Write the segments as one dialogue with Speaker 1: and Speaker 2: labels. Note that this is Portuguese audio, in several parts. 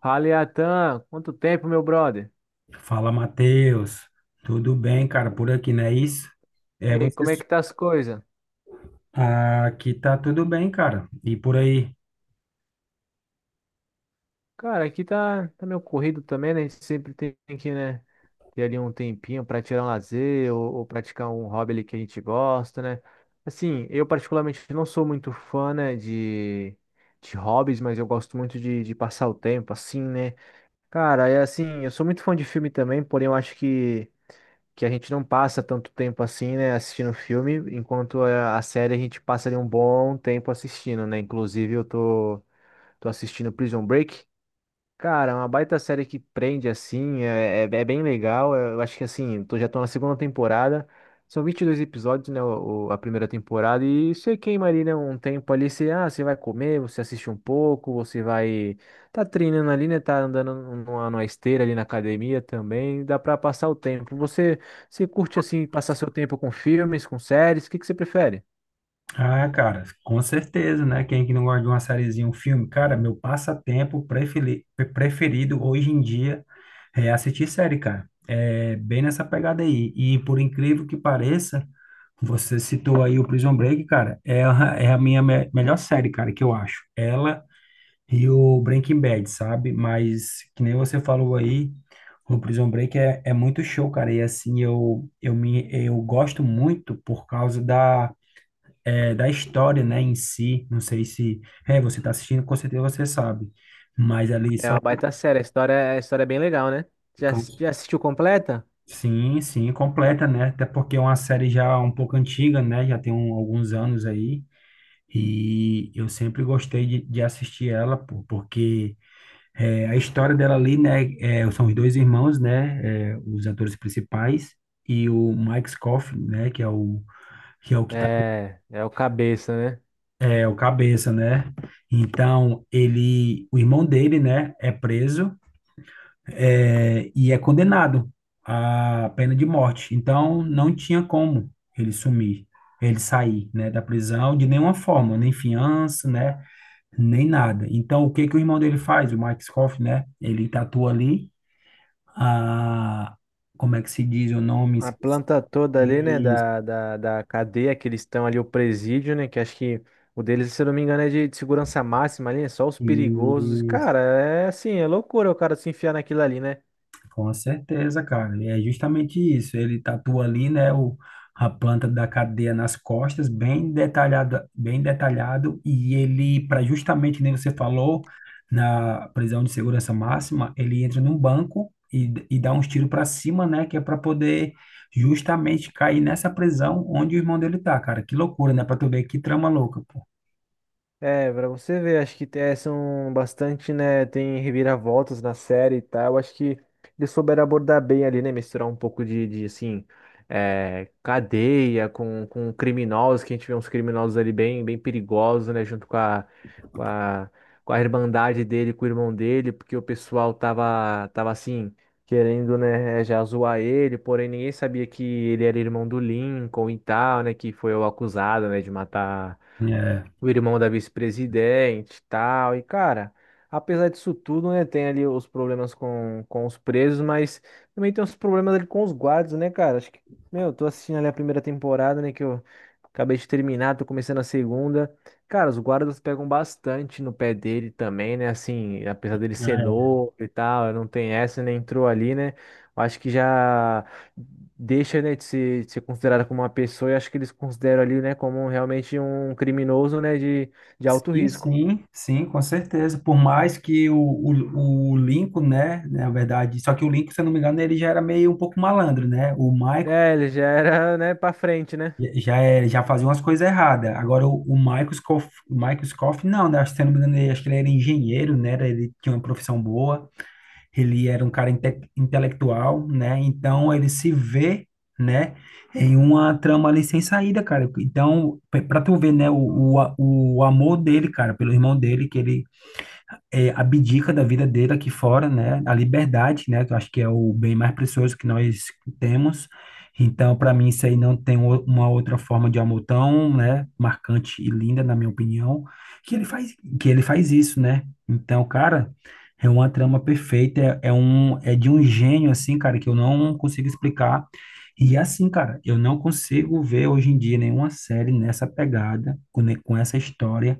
Speaker 1: Fala, Iatan, quanto tempo, meu brother?
Speaker 2: Fala, Matheus. Tudo bem, cara? Por aqui, não é isso?
Speaker 1: E
Speaker 2: É,
Speaker 1: aí, como é
Speaker 2: vocês...
Speaker 1: que tá as coisas?
Speaker 2: Ah, aqui tá tudo bem, cara. E por aí?
Speaker 1: Cara, aqui tá meio corrido também, né? A gente sempre tem que ter ali um tempinho pra tirar um lazer ou praticar um hobby ali que a gente gosta, né? Assim, eu particularmente não sou muito fã, né, de hobbies, mas eu gosto muito de passar o tempo, assim, né? Cara, é assim, eu sou muito fã de filme também, porém eu acho que a gente não passa tanto tempo assim, né, assistindo filme, enquanto a série a gente passa ali um bom tempo assistindo, né? Inclusive eu tô assistindo Prison Break. Cara, é uma baita série que prende, assim, é bem legal. Eu acho que, assim, já tô na segunda temporada. São 22 episódios, né, a primeira temporada. E você queima ali, né, um tempo ali. Você, você vai comer, você assiste um pouco, você vai... Tá treinando ali, né, tá andando numa esteira ali na academia também. Dá pra passar o tempo. Você curte, assim, passar seu tempo com filmes, com séries? O que que você prefere?
Speaker 2: Ah, cara, com certeza, né? Quem é que não gosta de uma sériezinha, um filme? Cara, meu passatempo preferido hoje em dia é assistir série, cara. É bem nessa pegada aí. E por incrível que pareça, você citou aí o Prison Break, cara. Ela é a minha melhor série, cara, que eu acho. Ela e o Breaking Bad, sabe? Mas, que nem você falou aí, o Prison Break é muito show, cara. E assim, eu gosto muito por causa da, da história, né, em si. Não sei se... É, você tá assistindo, com certeza você sabe. Mas ali
Speaker 1: É
Speaker 2: só...
Speaker 1: uma baita série. A história é bem legal, né? Já, já assistiu completa?
Speaker 2: Sim, sim, completa, né? Até porque é uma série já um pouco antiga, né? Já tem alguns anos aí. E eu sempre gostei de assistir ela, pô, porque... É, a história dela ali, né, é, são os dois irmãos, né, é, os atores principais e o Mike Scofield, né, que é o que é o que tá,
Speaker 1: É, é o cabeça, né?
Speaker 2: é o cabeça, né? Então, ele, o irmão dele, né, é preso e é condenado à pena de morte. Então, não tinha como ele sumir, ele sair, né, da prisão de nenhuma forma, nem fiança, né, nem nada. Então, o que que o irmão dele faz? O Mike Scofield, né, ele tatua ali a, como é que se diz o nome?
Speaker 1: A
Speaker 2: Esqueci,
Speaker 1: planta toda ali, né,
Speaker 2: esqueci.
Speaker 1: da cadeia que eles estão ali, o presídio, né, que acho que o deles, se eu não me engano, é de segurança máxima ali, é só os perigosos. Cara, é assim, é loucura o cara se enfiar naquilo ali, né?
Speaker 2: Com certeza, cara. E É justamente isso. Ele tatua ali, né, o, a planta da cadeia nas costas, bem detalhado, bem detalhado. E ele, para justamente, nem você falou, na prisão de segurança máxima, ele entra num banco e dá uns tiros para cima, né, que é para poder justamente cair nessa prisão onde o irmão dele tá, cara. Que loucura, né? Para tu ver que trama louca, pô.
Speaker 1: É, pra você ver, acho que é, são bastante, né? Tem reviravoltas na série e tal. Eu acho que eles souberam abordar bem ali, né? Misturar um pouco de assim, é, cadeia com criminosos, que a gente vê uns criminosos ali bem perigosos, né? Junto com a, com a irmandade dele, com o irmão dele, porque o pessoal tava assim, querendo, né? é, Já zoar ele, porém ninguém sabia que ele era irmão do Lincoln e tal, né? Que foi o acusado, né? De matar
Speaker 2: É.
Speaker 1: o irmão da vice-presidente, e tal. E, cara, apesar disso tudo, né, tem ali os problemas com os presos, mas também tem os problemas ali com os guardas, né, cara? Acho que, meu, eu tô assistindo ali a primeira temporada, né, que eu acabei de terminar, tô começando a segunda. Cara, os guardas pegam bastante no pé dele também, né, assim, apesar dele ser novo e tal, não tem essa, né, entrou ali, né? Eu acho que já deixa, né, de ser considerada como uma pessoa e acho que eles consideram ali, né, como realmente um criminoso, né, de alto
Speaker 2: Sim,
Speaker 1: risco.
Speaker 2: sim, sim, com certeza. Por mais que o Lincoln, né, na verdade, só que o Lincoln, se eu não me engano, ele já era meio um pouco malandro, né? O Michael
Speaker 1: É, ele já era, né, pra frente, né?
Speaker 2: já, já fazia umas coisas erradas. Agora, o Michael Scofield, o Michael Scofield, não, né? Acho que, se eu não me engano, ele, acho que ele era engenheiro, né? Ele tinha uma profissão boa, ele era um cara intelectual, né? Então, ele se vê, né, em uma trama ali sem saída, cara. Então, pra tu ver, né, o amor dele, cara, pelo irmão dele, que ele abdica da vida dele aqui fora, né? A liberdade, né? Que eu acho que é o bem mais precioso que nós temos. Então, para mim, isso aí não tem uma outra forma de amor tão, né, marcante e linda, na minha opinião, que ele faz, que ele faz isso, né? Então, cara, é uma trama perfeita, é de um gênio assim, cara, que eu não consigo explicar. E assim, cara, eu não consigo ver hoje em dia nenhuma série nessa pegada, com essa história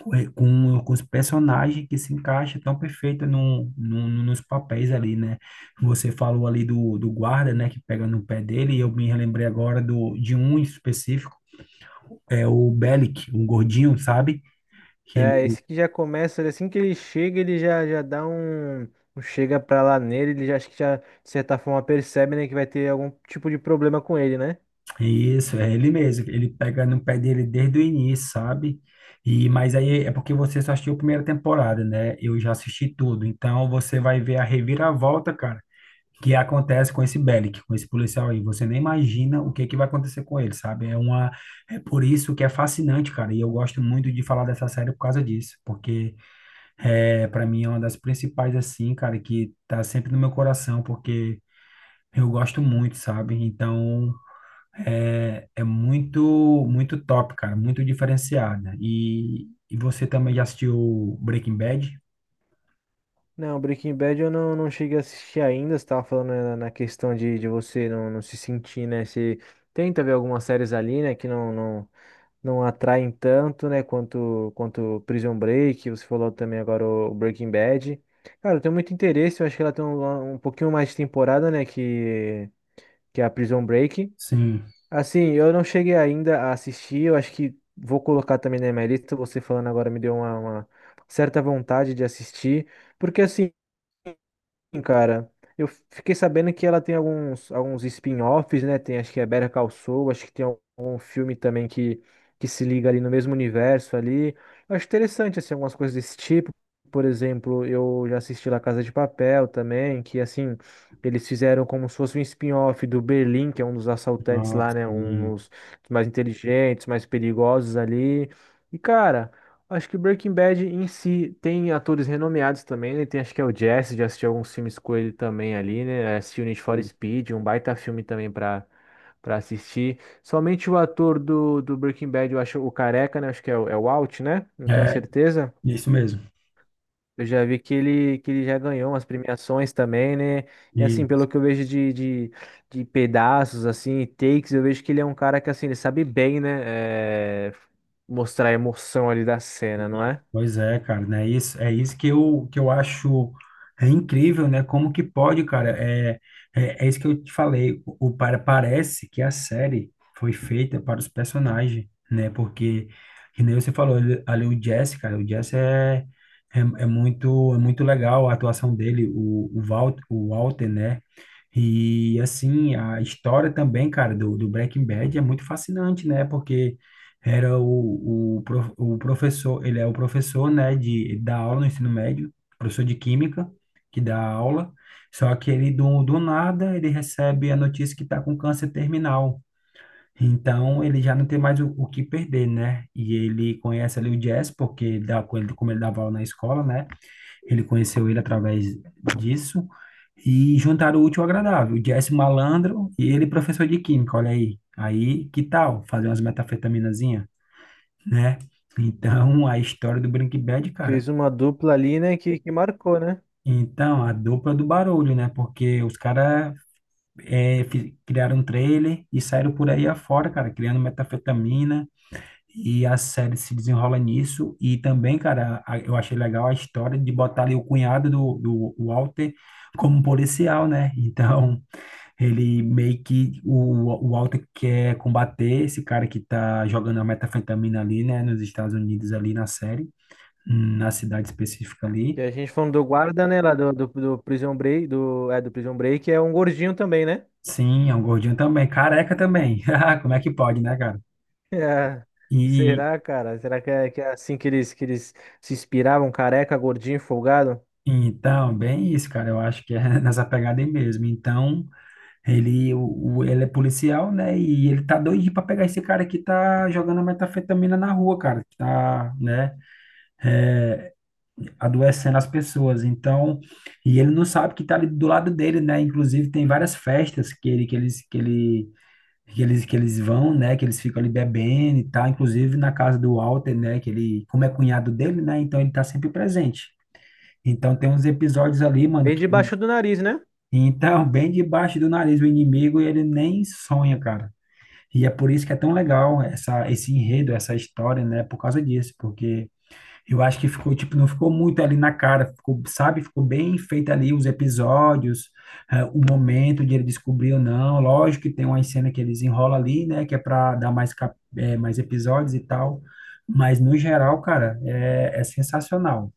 Speaker 2: com os personagens que se encaixa tão perfeito nos papéis ali, né? Você falou ali do, do guarda, né, que pega no pé dele, e eu me relembrei agora do, de um em específico, é o Bellic, um gordinho, sabe? Que ele,
Speaker 1: É, esse que já começa, assim que ele chega, ele já dá um, um chega pra lá nele, ele já acho que já, de certa forma, percebe, né, que vai ter algum tipo de problema com ele, né?
Speaker 2: isso, é ele mesmo, ele pega no pé dele desde o início, sabe? E, mas aí é porque você só assistiu a primeira temporada, né? Eu já assisti tudo, então você vai ver a reviravolta, cara, que acontece com esse Bellic, com esse policial aí. Você nem imagina o que que vai acontecer com ele, sabe? É por isso que é fascinante, cara. E eu gosto muito de falar dessa série por causa disso, porque é, para mim é uma das principais assim, cara, que tá sempre no meu coração, porque eu gosto muito, sabe? Então é, é muito, muito top, cara, muito diferenciada. E você também já assistiu Breaking Bad?
Speaker 1: Não, Breaking Bad eu não cheguei a assistir ainda, você tava falando né, na na questão de você não se sentir, né, se tenta ver algumas séries ali, né, que não atraem tanto, né, quanto Prison Break, você falou também agora o Breaking Bad. Cara, eu tenho muito interesse, eu acho que ela tem um, um pouquinho mais de temporada, né, que é a Prison Break.
Speaker 2: Sim.
Speaker 1: Assim, eu não cheguei ainda a assistir, eu acho que vou colocar também na minha lista, você falando agora me deu uma certa vontade de assistir, porque assim, Sim, cara, eu fiquei sabendo que ela tem alguns, alguns spin-offs, né? Tem, acho que é Better Call Saul, acho que tem algum filme também que se liga ali no mesmo universo ali. Eu acho interessante, assim, algumas coisas desse tipo. Por exemplo, eu já assisti La Casa de Papel também, que, assim, eles fizeram como se fosse um spin-off do Berlim, que é um dos assaltantes lá,
Speaker 2: Nossa,
Speaker 1: né? Um
Speaker 2: sim.
Speaker 1: dos mais inteligentes, mais perigosos ali. E, cara... Acho que Breaking Bad em si tem atores renomeados também, né? Tem acho que é o Jesse, já assisti alguns filmes com ele também ali, né? Assisti o Need for Speed, um baita filme também pra assistir. Somente o ator do Breaking Bad, eu acho o Careca, né? Acho que é o, é o Walt, né? Não tenho
Speaker 2: É
Speaker 1: certeza.
Speaker 2: isso mesmo.
Speaker 1: Eu já vi que ele já ganhou umas premiações também, né? E assim, pelo
Speaker 2: Isso.
Speaker 1: que eu vejo de pedaços, assim, takes, eu vejo que ele é um cara que, assim, ele sabe bem, né? É, mostrar a emoção ali da cena, não é?
Speaker 2: Pois é, cara, né? Isso, é isso que eu acho é incrível, né? Como que pode, cara? É, é, é isso que eu te falei. Parece que a série foi feita para os personagens, né? Porque, que nem você falou, ali o Jesse, cara, o Jesse é muito legal a atuação dele, Walt, o Walter, né? E, assim, a história também, cara, do, do Breaking Bad é muito fascinante, né? Porque era o professor, ele é o professor, né, de da aula no ensino médio, professor de química, que dá aula, só que ele do nada ele recebe a notícia que está com câncer terminal. Então ele já não tem mais o que perder, né? E ele conhece ali o Jess, porque ele dá, com ele- como ele dava aula na escola, né? Ele conheceu ele através disso e juntaram o útil ao agradável. O Jess malandro e ele professor de química, olha aí. Aí, que tal fazer umas metafetaminazinhas, né? Então, a história do Breaking Bad, cara.
Speaker 1: Fez uma dupla ali, né, que marcou, né?
Speaker 2: Então, a dupla do barulho, né? Porque os caras criaram um trailer e saíram por aí afora, cara, criando metafetamina. E a série se desenrola nisso. E também, cara, eu achei legal a história de botar ali o cunhado do, do Walter como um policial, né? Então, ele meio que. O Walter quer combater esse cara que tá jogando a metafetamina ali, né? Nos Estados Unidos, ali na série, na cidade específica
Speaker 1: E
Speaker 2: ali.
Speaker 1: a gente falando do guarda, né, lá do Prison Break, do, é, do Prison Break, é um gordinho também, né?
Speaker 2: Sim, é um gordinho também, careca também. Ah, como é que pode, né, cara?
Speaker 1: É.
Speaker 2: E
Speaker 1: Será, cara? Será que é assim que eles se inspiravam? Careca, gordinho, folgado?
Speaker 2: então, bem isso, cara. Eu acho que é nessa pegada aí mesmo. Então, ele é policial, né? E ele tá doidinho pra pegar esse cara que tá jogando metanfetamina na rua, cara, que tá, né, adoecendo as pessoas. Então, e ele não sabe que tá ali do lado dele, né? Inclusive, tem várias festas que eles vão, né? Que eles ficam ali bebendo e tal, inclusive na casa do Walter, né? Que ele, como é cunhado dele, né? Então ele tá sempre presente. Então tem uns episódios ali, mano,
Speaker 1: Veio
Speaker 2: que ele-
Speaker 1: debaixo do nariz, né?
Speaker 2: então, bem debaixo do nariz do inimigo, ele nem sonha, cara. E é por isso que é tão legal esse enredo, essa história, né? Por causa disso, porque eu acho que ficou, tipo, não ficou muito ali na cara, ficou, sabe? Ficou bem feito ali os episódios, o momento de ele descobrir ou não. Lógico que tem uma cena que eles enrolam ali, né? Que é para dar mais, mais episódios e tal. Mas, no geral, cara, é, é sensacional.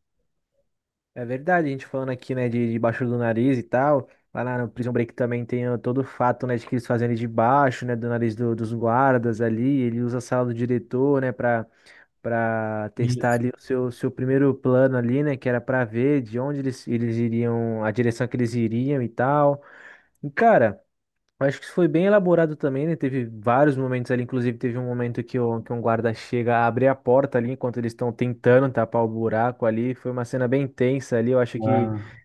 Speaker 1: É verdade, a gente falando aqui, né, de debaixo do nariz e tal. Lá na- no Prison Break também tem ó, todo o fato, né, de que eles fazem ele de baixo, né, do nariz do- dos guardas ali. Ele usa a sala do diretor, né, pra para testar
Speaker 2: Isso.
Speaker 1: ali o seu primeiro plano ali, né? Que era para ver de onde eles iriam, a direção que eles iriam e tal. E, cara, eu acho que isso foi bem elaborado também, né? Teve vários momentos ali, inclusive teve um momento que, que um guarda chega a abrir a porta ali enquanto eles estão tentando tapar o buraco ali. Foi uma cena bem tensa ali, eu acho que.
Speaker 2: Ah,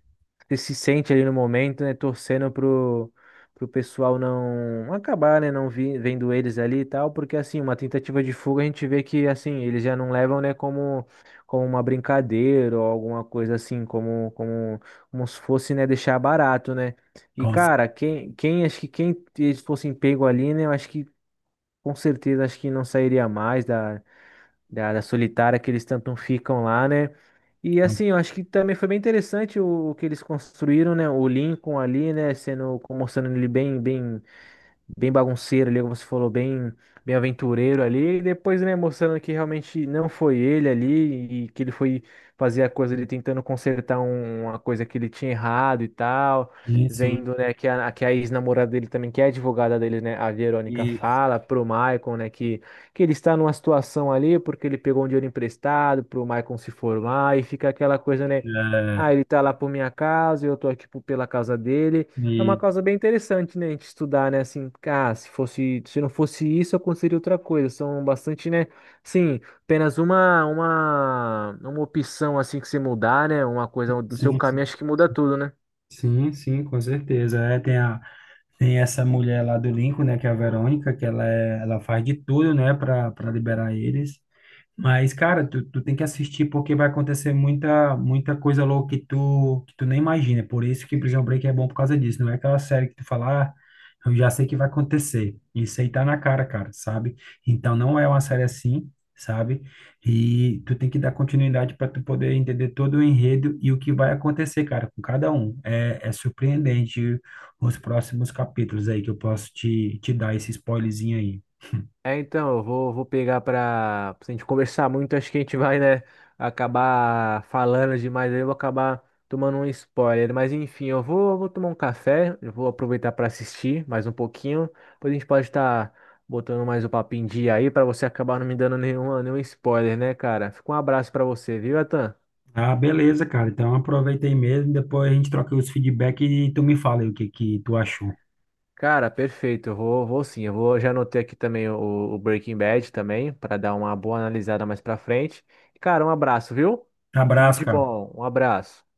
Speaker 1: Você se sente ali no momento, né? Torcendo pro pessoal não acabar, né? Não vi, vendo eles ali e tal, porque assim, uma tentativa de fuga a gente vê que assim, eles já não levam, né, como, como uma brincadeira ou alguma coisa assim, como, como, como se fosse, né, deixar barato, né? E
Speaker 2: com
Speaker 1: cara, quem acho que quem eles fossem pego ali, né? Eu acho que com certeza acho que não sairia mais da área solitária que eles tanto ficam lá, né? E assim,
Speaker 2: certeza.
Speaker 1: eu acho que também foi bem interessante o que eles construíram, né? O Lincoln ali, né? Sendo, mostrando ele bem bagunceiro ali, como você falou, bem aventureiro ali, e depois, né, mostrando que realmente não foi ele ali, e que ele foi fazer a coisa ali tentando consertar um- uma coisa que ele tinha errado e tal,
Speaker 2: Sim, sim.
Speaker 1: vendo, né, que a ex-namorada dele também, que é advogada dele, né, a Verônica
Speaker 2: Isso.
Speaker 1: fala pro Maicon, né, que ele está numa situação ali porque ele pegou um dinheiro emprestado pro Maicon se formar, e fica aquela coisa, né,
Speaker 2: É,
Speaker 1: ah, ele tá lá por minha casa, eu tô aqui por- pela casa dele, é uma
Speaker 2: e,
Speaker 1: causa bem interessante, né, a gente estudar, né, assim, ah, se fosse, se não fosse isso, aconteceria outra coisa. São bastante, né, sim, apenas uma opção, assim, que você mudar, né, uma coisa no seu
Speaker 2: sim,
Speaker 1: caminho,
Speaker 2: sim.
Speaker 1: acho que muda tudo, né?
Speaker 2: Sim, sim, com certeza. Tem essa mulher lá do Lincoln, né, que é a Verônica, que ela, é, ela faz de tudo, né, para liberar eles. Mas, cara, tu, tu tem que assistir porque vai acontecer muita, muita coisa louca que tu nem imagina. Por isso que Prison Break é bom por causa disso. Não é aquela série que tu fala, ah, eu já sei que vai acontecer. Isso aí tá na cara, cara, sabe? Então não é uma série assim, sabe? E tu tem que dar continuidade para tu poder entender todo o enredo e o que vai acontecer, cara, com cada um. É é surpreendente os próximos capítulos aí que eu posso te dar esse spoilerzinho aí.
Speaker 1: É, então, eu vou pegar pra. Se a gente conversar muito, acho que a gente vai, né, acabar falando demais aí, eu vou acabar tomando um spoiler. Mas enfim, eu vou tomar um café, eu vou aproveitar pra assistir mais um pouquinho. Depois a gente pode estar botando mais o papo em dia aí, pra você acabar não me dando nenhuma, nenhum spoiler, né, cara? Fica um abraço pra você, viu, Atan?
Speaker 2: Ah, beleza, cara. Então aproveita aí mesmo. Depois a gente troca os feedback e tu me fala aí o que que tu achou.
Speaker 1: Cara, perfeito. Eu vou, vou sim. Eu vou, já anotei aqui também o Breaking Bad também, para dar uma boa analisada mais pra frente. Cara, um abraço, viu? Tudo
Speaker 2: Abraço,
Speaker 1: de
Speaker 2: cara.
Speaker 1: bom. Um abraço.